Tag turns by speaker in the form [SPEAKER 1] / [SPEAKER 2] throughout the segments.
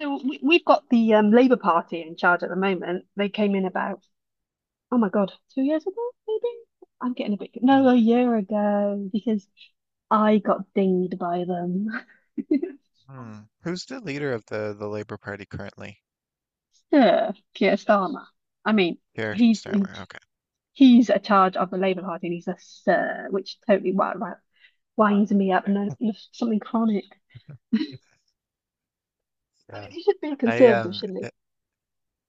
[SPEAKER 1] So we've got the Labour Party in charge at the moment. They came in about, oh my God, 2 years ago, maybe? I'm getting a bit,
[SPEAKER 2] Hmm.
[SPEAKER 1] no, a year ago, because I got dinged by them.
[SPEAKER 2] Hmm. Who's the leader of the Labour Party currently?
[SPEAKER 1] Sir Keir Starmer. I mean,
[SPEAKER 2] Keir
[SPEAKER 1] he's
[SPEAKER 2] Starmer. Okay.
[SPEAKER 1] he's a charge of the Labour Party and he's a sir, which totally winds me up. No, no, something chronic. I
[SPEAKER 2] Yeah.
[SPEAKER 1] mean, he should be a
[SPEAKER 2] I
[SPEAKER 1] conservative,
[SPEAKER 2] um.
[SPEAKER 1] shouldn't he?
[SPEAKER 2] i-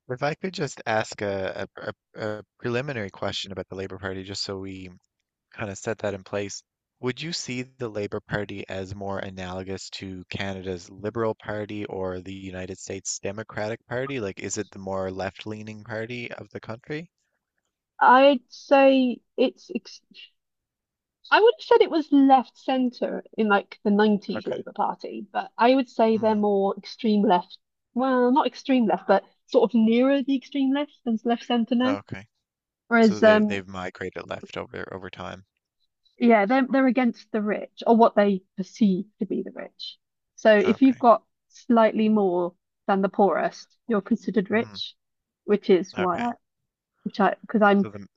[SPEAKER 2] If I could just ask a preliminary question about the Labour Party, just so we kind of set that in place, would you see the Labour Party as more analogous to Canada's Liberal Party or the United States Democratic Party? Like, is it the more left-leaning party of the country?
[SPEAKER 1] I'd say it's ex I would have said it was left centre in like the 90s
[SPEAKER 2] Okay.
[SPEAKER 1] Labour Party, but I would say they're
[SPEAKER 2] Hmm.
[SPEAKER 1] more extreme left. Well, not extreme left, but sort of nearer the extreme left than left centre now.
[SPEAKER 2] Okay. So
[SPEAKER 1] Whereas,
[SPEAKER 2] they've they've migrated left over time.
[SPEAKER 1] yeah, they're against the rich or what they perceive to be the rich. So if you've
[SPEAKER 2] Okay.
[SPEAKER 1] got slightly more than the poorest, you're considered
[SPEAKER 2] Hmm.
[SPEAKER 1] rich, which is why
[SPEAKER 2] Okay.
[SPEAKER 1] I, which because I'm
[SPEAKER 2] So the,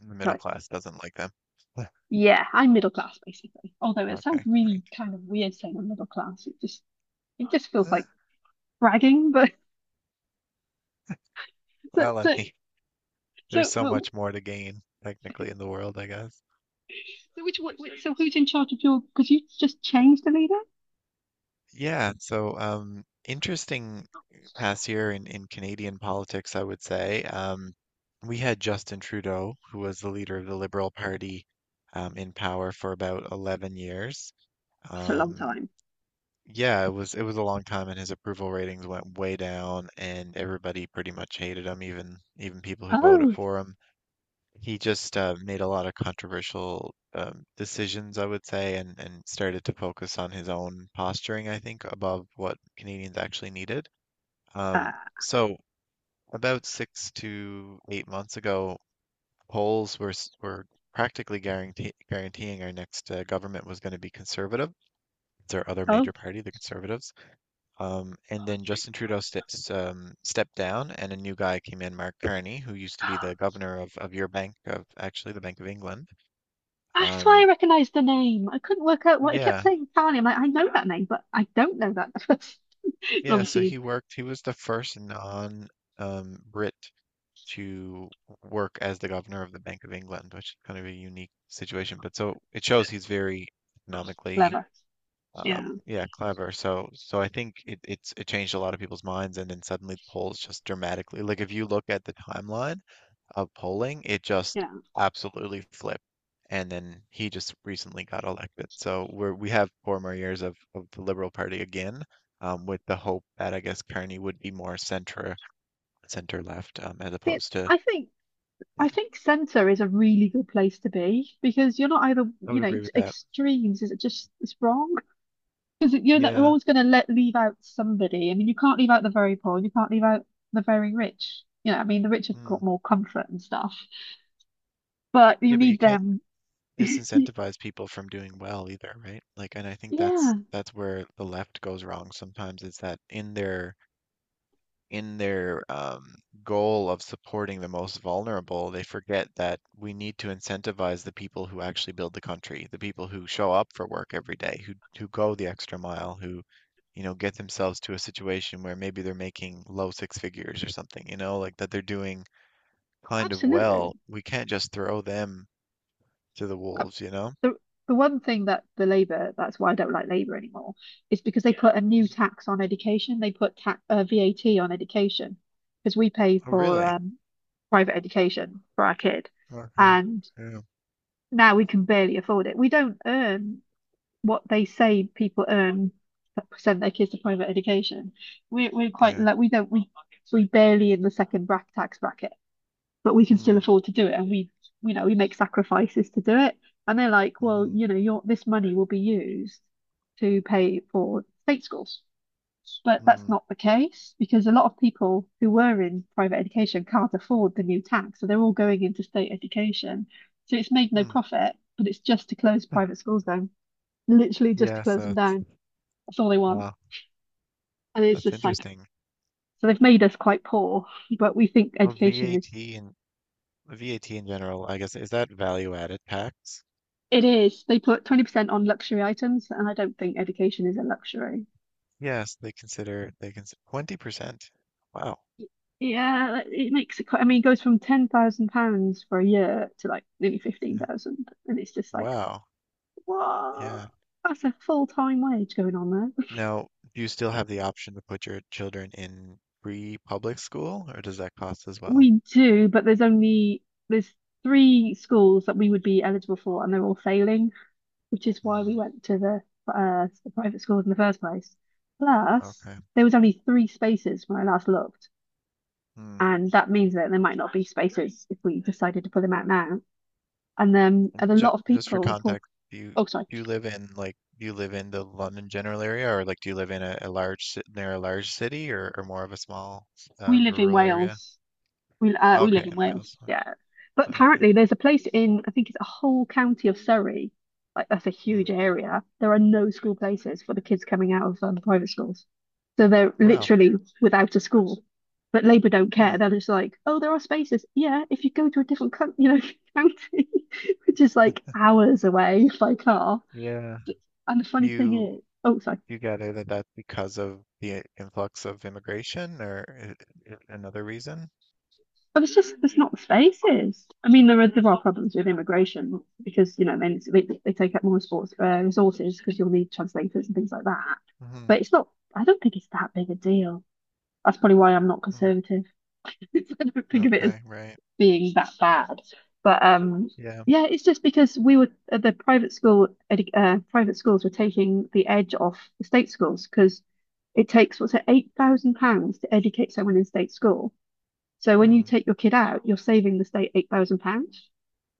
[SPEAKER 2] the middle
[SPEAKER 1] sorry,
[SPEAKER 2] class doesn't like them.
[SPEAKER 1] yeah, I'm middle class basically. Although it sounds
[SPEAKER 2] Okay,
[SPEAKER 1] really
[SPEAKER 2] great.
[SPEAKER 1] kind of weird saying I'm middle class, it just feels
[SPEAKER 2] Uh,
[SPEAKER 1] like bragging, but so
[SPEAKER 2] Well, I
[SPEAKER 1] so
[SPEAKER 2] mean, there's so
[SPEAKER 1] so,
[SPEAKER 2] much more to gain technically in the world, I guess.
[SPEAKER 1] so which what so who's in charge of your? Because you just changed the leader.
[SPEAKER 2] Yeah, so interesting past year in Canadian politics, I would say. We had Justin Trudeau, who was the leader of the Liberal Party, in power for about 11 years.
[SPEAKER 1] That's a long
[SPEAKER 2] Um,
[SPEAKER 1] time.
[SPEAKER 2] yeah, it was a long time, and his approval ratings went way down, and everybody pretty much hated him, even people who voted
[SPEAKER 1] Oh,
[SPEAKER 2] for him. He just made a lot of controversial decisions, I would say, and started to focus on his own posturing, I think, above what Canadians actually needed.
[SPEAKER 1] uh,
[SPEAKER 2] So about 6 to 8 months ago, polls were practically guaranteeing our next government was going to be conservative. It's our other
[SPEAKER 1] oh,
[SPEAKER 2] major party, the Conservatives. And then Justin Trudeau steps stepped down, and a new guy came in, Mark Carney, who used to be the governor of your bank, of actually the Bank of England.
[SPEAKER 1] that's why
[SPEAKER 2] Um,
[SPEAKER 1] I recognised the name. I couldn't work out what I kept
[SPEAKER 2] yeah,
[SPEAKER 1] saying. Tali, I'm like, I know that name, but I don't know that.
[SPEAKER 2] yeah. So
[SPEAKER 1] Obviously,
[SPEAKER 2] he worked. He was the first Brit to work as the governor of the Bank of England, which is kind of a unique situation. But so it shows he's very economically,
[SPEAKER 1] clever.
[SPEAKER 2] um,
[SPEAKER 1] Yeah,
[SPEAKER 2] yeah, clever. So I think it changed a lot of people's minds, and then suddenly the polls just dramatically. Like if you look at the timeline of polling, it just
[SPEAKER 1] yeah.
[SPEAKER 2] absolutely flipped. And then he just recently got elected. So we have 4 more years of the Liberal Party again, with the hope that I guess Carney would be more center left, as
[SPEAKER 1] See,
[SPEAKER 2] opposed to.
[SPEAKER 1] I
[SPEAKER 2] Yeah,
[SPEAKER 1] think centre is a really good place to be because you're not either,
[SPEAKER 2] I
[SPEAKER 1] you
[SPEAKER 2] would
[SPEAKER 1] know,
[SPEAKER 2] agree
[SPEAKER 1] it's
[SPEAKER 2] with that.
[SPEAKER 1] extremes is it just it's wrong. Because you're not, you're
[SPEAKER 2] Yeah.
[SPEAKER 1] always going to let leave out somebody. I mean, you can't leave out the very poor, and you can't leave out the very rich. You know, I mean, the rich have got
[SPEAKER 2] Mm.
[SPEAKER 1] more comfort and stuff, but you
[SPEAKER 2] Yeah, but you
[SPEAKER 1] need
[SPEAKER 2] can't
[SPEAKER 1] them.
[SPEAKER 2] disincentivize people from doing well either, right? Like, and I think that's
[SPEAKER 1] Yeah,
[SPEAKER 2] that's where the left goes wrong sometimes is that in their goal of supporting the most vulnerable, they forget that we need to incentivize the people who actually build the country, the people who show up for work every day, who go the extra mile, who, get themselves to a situation where maybe they're making low six figures or something, like that they're doing kind of
[SPEAKER 1] absolutely.
[SPEAKER 2] well. We can't just throw them to the
[SPEAKER 1] Uh,
[SPEAKER 2] wolves, you know?
[SPEAKER 1] The the one thing that the Labour, that's why I don't like Labour anymore, is because they put a new
[SPEAKER 2] Mm.
[SPEAKER 1] tax on education. They put tax, VAT on education because we pay
[SPEAKER 2] Oh,
[SPEAKER 1] for
[SPEAKER 2] really?
[SPEAKER 1] private education for our kid,
[SPEAKER 2] Okay.
[SPEAKER 1] and
[SPEAKER 2] Yeah.
[SPEAKER 1] now we can barely afford it. We don't earn what they say people earn that send their kids to private education. We're quite
[SPEAKER 2] Yeah.
[SPEAKER 1] like we don't we barely in the second bracket tax bracket, but we can
[SPEAKER 2] Hmm.
[SPEAKER 1] still afford to do it, and we you know we make sacrifices to do it. And they're like, well,
[SPEAKER 2] Mm-hmm.
[SPEAKER 1] you know, your this money will be used to pay for state schools, but that's
[SPEAKER 2] Hmm.
[SPEAKER 1] not the case because a lot of people who were in private education can't afford the new tax, so they're all going into state education. So it's made no
[SPEAKER 2] Hmm.
[SPEAKER 1] profit, but it's just to close private schools down literally just to
[SPEAKER 2] Yes,
[SPEAKER 1] close them
[SPEAKER 2] that's
[SPEAKER 1] down. That's all they want.
[SPEAKER 2] wow.
[SPEAKER 1] And it's
[SPEAKER 2] That's
[SPEAKER 1] just like,
[SPEAKER 2] interesting.
[SPEAKER 1] so they've made us quite poor, but we think
[SPEAKER 2] Oh,
[SPEAKER 1] education is,
[SPEAKER 2] VAT and VAT in general, I guess, is that value added tax?
[SPEAKER 1] it is. They put 20% on luxury items, and I don't think education is a luxury.
[SPEAKER 2] Yes, they consider 20%. Wow.
[SPEAKER 1] Yeah, like, it makes it quite, I mean, it goes from £10,000 for a year to like nearly
[SPEAKER 2] Yeah.
[SPEAKER 1] 15,000. And it's just like,
[SPEAKER 2] Wow.
[SPEAKER 1] whoa,
[SPEAKER 2] Yeah.
[SPEAKER 1] that's a full-time wage going on there.
[SPEAKER 2] Now, do you still have the option to put your children in free public school, or does that cost as well?
[SPEAKER 1] We do, but there's only, there's three schools that we would be eligible for, and they're all failing, which is why
[SPEAKER 2] Hmm.
[SPEAKER 1] we went to the private schools in the first place. Plus,
[SPEAKER 2] Okay.
[SPEAKER 1] there was only three spaces when I last looked,
[SPEAKER 2] Hmm.
[SPEAKER 1] and that means that there might not be spaces if we decided to put them out now. And then and a
[SPEAKER 2] Ju
[SPEAKER 1] lot of
[SPEAKER 2] just for
[SPEAKER 1] people report.
[SPEAKER 2] context,
[SPEAKER 1] Oh, sorry,
[SPEAKER 2] do you live in like do you live in the London general area, or like do you live in a near a large city, or more of a small
[SPEAKER 1] we live in
[SPEAKER 2] rural area?
[SPEAKER 1] Wales, we
[SPEAKER 2] Okay,
[SPEAKER 1] live in
[SPEAKER 2] in Wales.
[SPEAKER 1] Wales, yeah. But
[SPEAKER 2] Okay.
[SPEAKER 1] apparently, there's a place in I think it's a whole county of Surrey, like that's a
[SPEAKER 2] Hmm.
[SPEAKER 1] huge area. There are no school places for the kids coming out of private schools, so they're
[SPEAKER 2] Wow.
[SPEAKER 1] literally without a school. But Labour don't
[SPEAKER 2] Hmm.
[SPEAKER 1] care. They're just like, oh, there are spaces. Yeah, if you go to a different coun you know, county, which is like hours away by car.
[SPEAKER 2] Yeah.
[SPEAKER 1] And the funny thing
[SPEAKER 2] You
[SPEAKER 1] is, oh, sorry.
[SPEAKER 2] you got out of that. That's because of the influx of immigration or another reason?
[SPEAKER 1] But it's just there's not spaces. I mean, there are problems with immigration because you know then they take up more sports resources because you'll need translators and things like that.
[SPEAKER 2] Hmm.
[SPEAKER 1] But it's not. I don't think it's that big a deal. That's probably why I'm not
[SPEAKER 2] Mm.
[SPEAKER 1] conservative. I don't think of it as
[SPEAKER 2] Okay, right.
[SPEAKER 1] being that bad. But
[SPEAKER 2] Yeah.
[SPEAKER 1] yeah, it's just because we were the private school edu- private schools were taking the edge off the state schools because it takes what's it £8,000 to educate someone in state school, so when you
[SPEAKER 2] Hmm.
[SPEAKER 1] take your kid out, you're saving the state £8,000,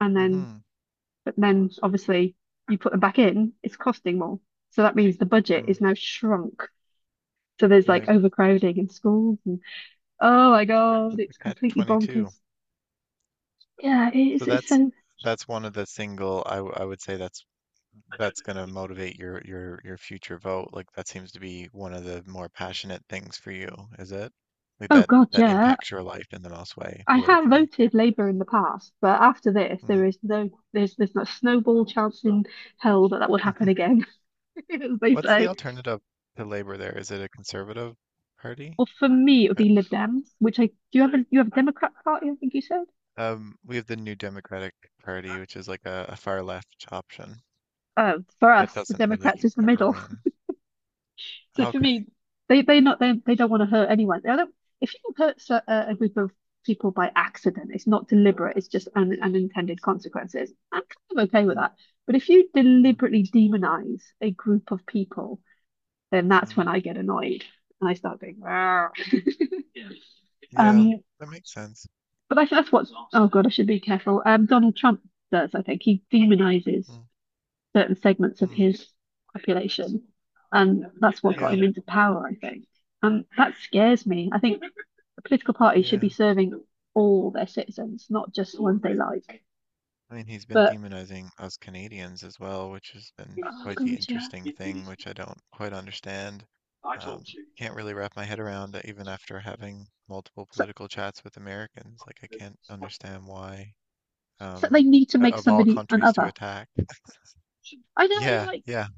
[SPEAKER 1] and then
[SPEAKER 2] Mm-hmm.
[SPEAKER 1] but then obviously you put them back in, it's costing more. So that means the budget is
[SPEAKER 2] Mm.
[SPEAKER 1] now shrunk. So there's like
[SPEAKER 2] Right.
[SPEAKER 1] overcrowding in schools, and oh my God,
[SPEAKER 2] That's a
[SPEAKER 1] it's
[SPEAKER 2] catch
[SPEAKER 1] completely bonkers.
[SPEAKER 2] 22.
[SPEAKER 1] Yeah,
[SPEAKER 2] So
[SPEAKER 1] it's it's
[SPEAKER 2] that's
[SPEAKER 1] so.
[SPEAKER 2] that's one of the I would say that's going to motivate your future vote. Like that seems to be one of the more passionate things for you, is it? Like
[SPEAKER 1] Oh
[SPEAKER 2] that
[SPEAKER 1] God,
[SPEAKER 2] that
[SPEAKER 1] yeah.
[SPEAKER 2] impacts your life in the most way
[SPEAKER 1] I have
[SPEAKER 2] politically.
[SPEAKER 1] voted Labour in the past, but after this,
[SPEAKER 2] Mm.
[SPEAKER 1] there's no snowball chance in hell that that would happen again, as they
[SPEAKER 2] What's the
[SPEAKER 1] say.
[SPEAKER 2] alternative to Labor there? Is it a conservative party?
[SPEAKER 1] Well, for me, it would
[SPEAKER 2] Uh,
[SPEAKER 1] be Lib Dems, which I do you have a Democrat Party, I think you said?
[SPEAKER 2] We have the New Democratic Party, which is like a far left option
[SPEAKER 1] uh, for
[SPEAKER 2] that
[SPEAKER 1] us, the
[SPEAKER 2] doesn't
[SPEAKER 1] Democrats
[SPEAKER 2] really
[SPEAKER 1] is the
[SPEAKER 2] ever
[SPEAKER 1] middle.
[SPEAKER 2] win.
[SPEAKER 1] So for
[SPEAKER 2] Okay.
[SPEAKER 1] me, they not they, they don't want to hurt anyone. They don't, if you hurt a group of people by accident, it's not deliberate. It's just unintended consequences. I'm kind of okay with
[SPEAKER 2] Mm,
[SPEAKER 1] that. But if you
[SPEAKER 2] mm,
[SPEAKER 1] deliberately demonize a group of people, then that's
[SPEAKER 2] mm.
[SPEAKER 1] when I get annoyed and I start being rare.
[SPEAKER 2] Yeah,
[SPEAKER 1] Um,
[SPEAKER 2] that makes sense.
[SPEAKER 1] but I think that's what. Oh God, I should be careful. Donald Trump does. I think he demonizes
[SPEAKER 2] Mm,
[SPEAKER 1] certain segments of
[SPEAKER 2] mm.
[SPEAKER 1] his population. And that's what got
[SPEAKER 2] Yeah,
[SPEAKER 1] him into power, I think. And that scares me. I think a political party should
[SPEAKER 2] yeah.
[SPEAKER 1] be serving all their citizens, not just the ones they like.
[SPEAKER 2] I mean, he's been
[SPEAKER 1] But
[SPEAKER 2] demonizing us Canadians as well, which has been
[SPEAKER 1] oh
[SPEAKER 2] quite the
[SPEAKER 1] god, yeah.
[SPEAKER 2] interesting thing, which I don't quite understand. Um, can't really wrap my head around that even after having multiple
[SPEAKER 1] So,
[SPEAKER 2] political chats with Americans. Like, I can't understand why,
[SPEAKER 1] so they
[SPEAKER 2] um,
[SPEAKER 1] need to make
[SPEAKER 2] of all
[SPEAKER 1] somebody an
[SPEAKER 2] countries to
[SPEAKER 1] other.
[SPEAKER 2] attack.
[SPEAKER 1] I know you're
[SPEAKER 2] Yeah,
[SPEAKER 1] like
[SPEAKER 2] yeah,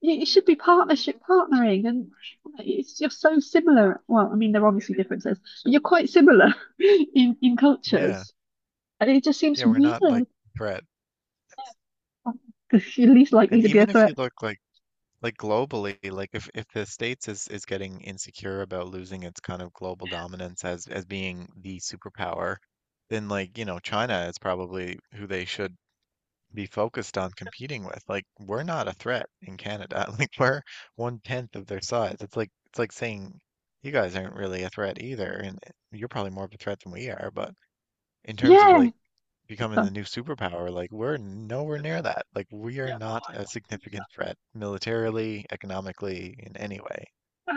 [SPEAKER 1] it should be partnership partnering and it's you're so similar. Well, I mean there are obviously differences, but you're quite similar in
[SPEAKER 2] yeah,
[SPEAKER 1] cultures. And it just seems
[SPEAKER 2] yeah, we're not like
[SPEAKER 1] weird.
[SPEAKER 2] threat.
[SPEAKER 1] Oh, 'cause you're least likely
[SPEAKER 2] And
[SPEAKER 1] to be a
[SPEAKER 2] even if
[SPEAKER 1] threat.
[SPEAKER 2] you look like globally, like if the States is getting insecure about losing its kind of global dominance as being the superpower, then like, China is probably who they should be focused on competing with. Like we're not a threat in Canada. Like we're one tenth of their size. It's like saying you guys aren't really a threat either, and you're probably more of a threat than we are, but in terms of
[SPEAKER 1] Yeah,
[SPEAKER 2] like becoming the
[SPEAKER 1] so
[SPEAKER 2] new superpower, like we're nowhere near that. Like we are not a significant threat militarily, economically, in any way.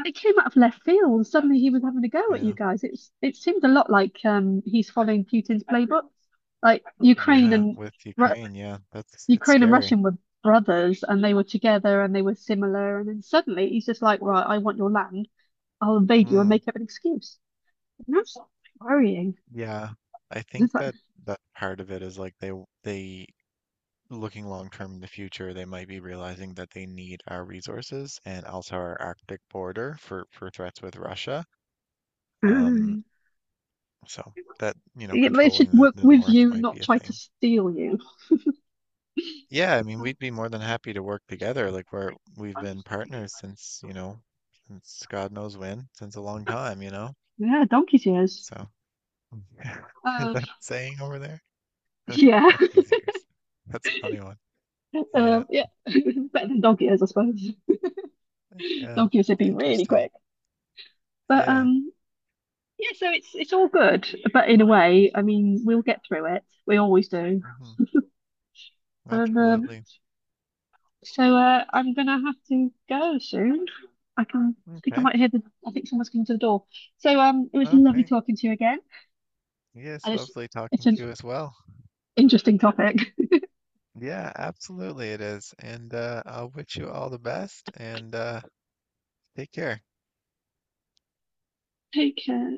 [SPEAKER 1] it came out of left field, and suddenly he was having a go at you
[SPEAKER 2] Yeah.
[SPEAKER 1] guys. It's it seemed a lot like he's following Putin's playbook. Like
[SPEAKER 2] Yeah, with
[SPEAKER 1] Ru-
[SPEAKER 2] Ukraine, yeah, that's it's
[SPEAKER 1] Ukraine and
[SPEAKER 2] scary.
[SPEAKER 1] Russian were brothers, and they were together, and they were similar. And then suddenly he's just like, right, I want your land. I'll invade you and
[SPEAKER 2] Mm,
[SPEAKER 1] make up an excuse. And that's worrying.
[SPEAKER 2] yeah. I
[SPEAKER 1] It's
[SPEAKER 2] think
[SPEAKER 1] like,
[SPEAKER 2] that part of it is like they looking long term in the future, they might be realizing that they need our resources and also our Arctic border for threats with Russia. Um,
[SPEAKER 1] mm.
[SPEAKER 2] so that,
[SPEAKER 1] Yeah, they should
[SPEAKER 2] controlling the
[SPEAKER 1] work
[SPEAKER 2] the
[SPEAKER 1] with
[SPEAKER 2] north
[SPEAKER 1] you,
[SPEAKER 2] might be
[SPEAKER 1] not
[SPEAKER 2] a
[SPEAKER 1] try to
[SPEAKER 2] thing.
[SPEAKER 1] steal you.
[SPEAKER 2] Yeah, I mean, we'd be more than happy to work together. Like we've been partners since, since God knows when, since a long time.
[SPEAKER 1] Yeah, donkey's ears.
[SPEAKER 2] So is
[SPEAKER 1] Uh,
[SPEAKER 2] that saying over there?
[SPEAKER 1] yeah,
[SPEAKER 2] On These years. That's a funny one.
[SPEAKER 1] uh,
[SPEAKER 2] Yeah,
[SPEAKER 1] yeah, better than donkey ears, I suppose.
[SPEAKER 2] yeah,
[SPEAKER 1] Dog years would be
[SPEAKER 2] that's
[SPEAKER 1] really
[SPEAKER 2] interesting.
[SPEAKER 1] quick. But
[SPEAKER 2] Yeah.
[SPEAKER 1] yeah, so it's all good. But in a way, I mean, we'll get through it. We always do.
[SPEAKER 2] Hmm.
[SPEAKER 1] And
[SPEAKER 2] Absolutely.
[SPEAKER 1] so I'm gonna have to go soon. I think I
[SPEAKER 2] Okay,
[SPEAKER 1] might hear the. I think someone's coming to the door. So it was lovely
[SPEAKER 2] okay.
[SPEAKER 1] talking to you again,
[SPEAKER 2] Yes,
[SPEAKER 1] and it's
[SPEAKER 2] lovely
[SPEAKER 1] it's
[SPEAKER 2] talking
[SPEAKER 1] an
[SPEAKER 2] to you as well.
[SPEAKER 1] interesting topic.
[SPEAKER 2] Yeah, absolutely it is. And I'll wish you all the best and take care.
[SPEAKER 1] Take care.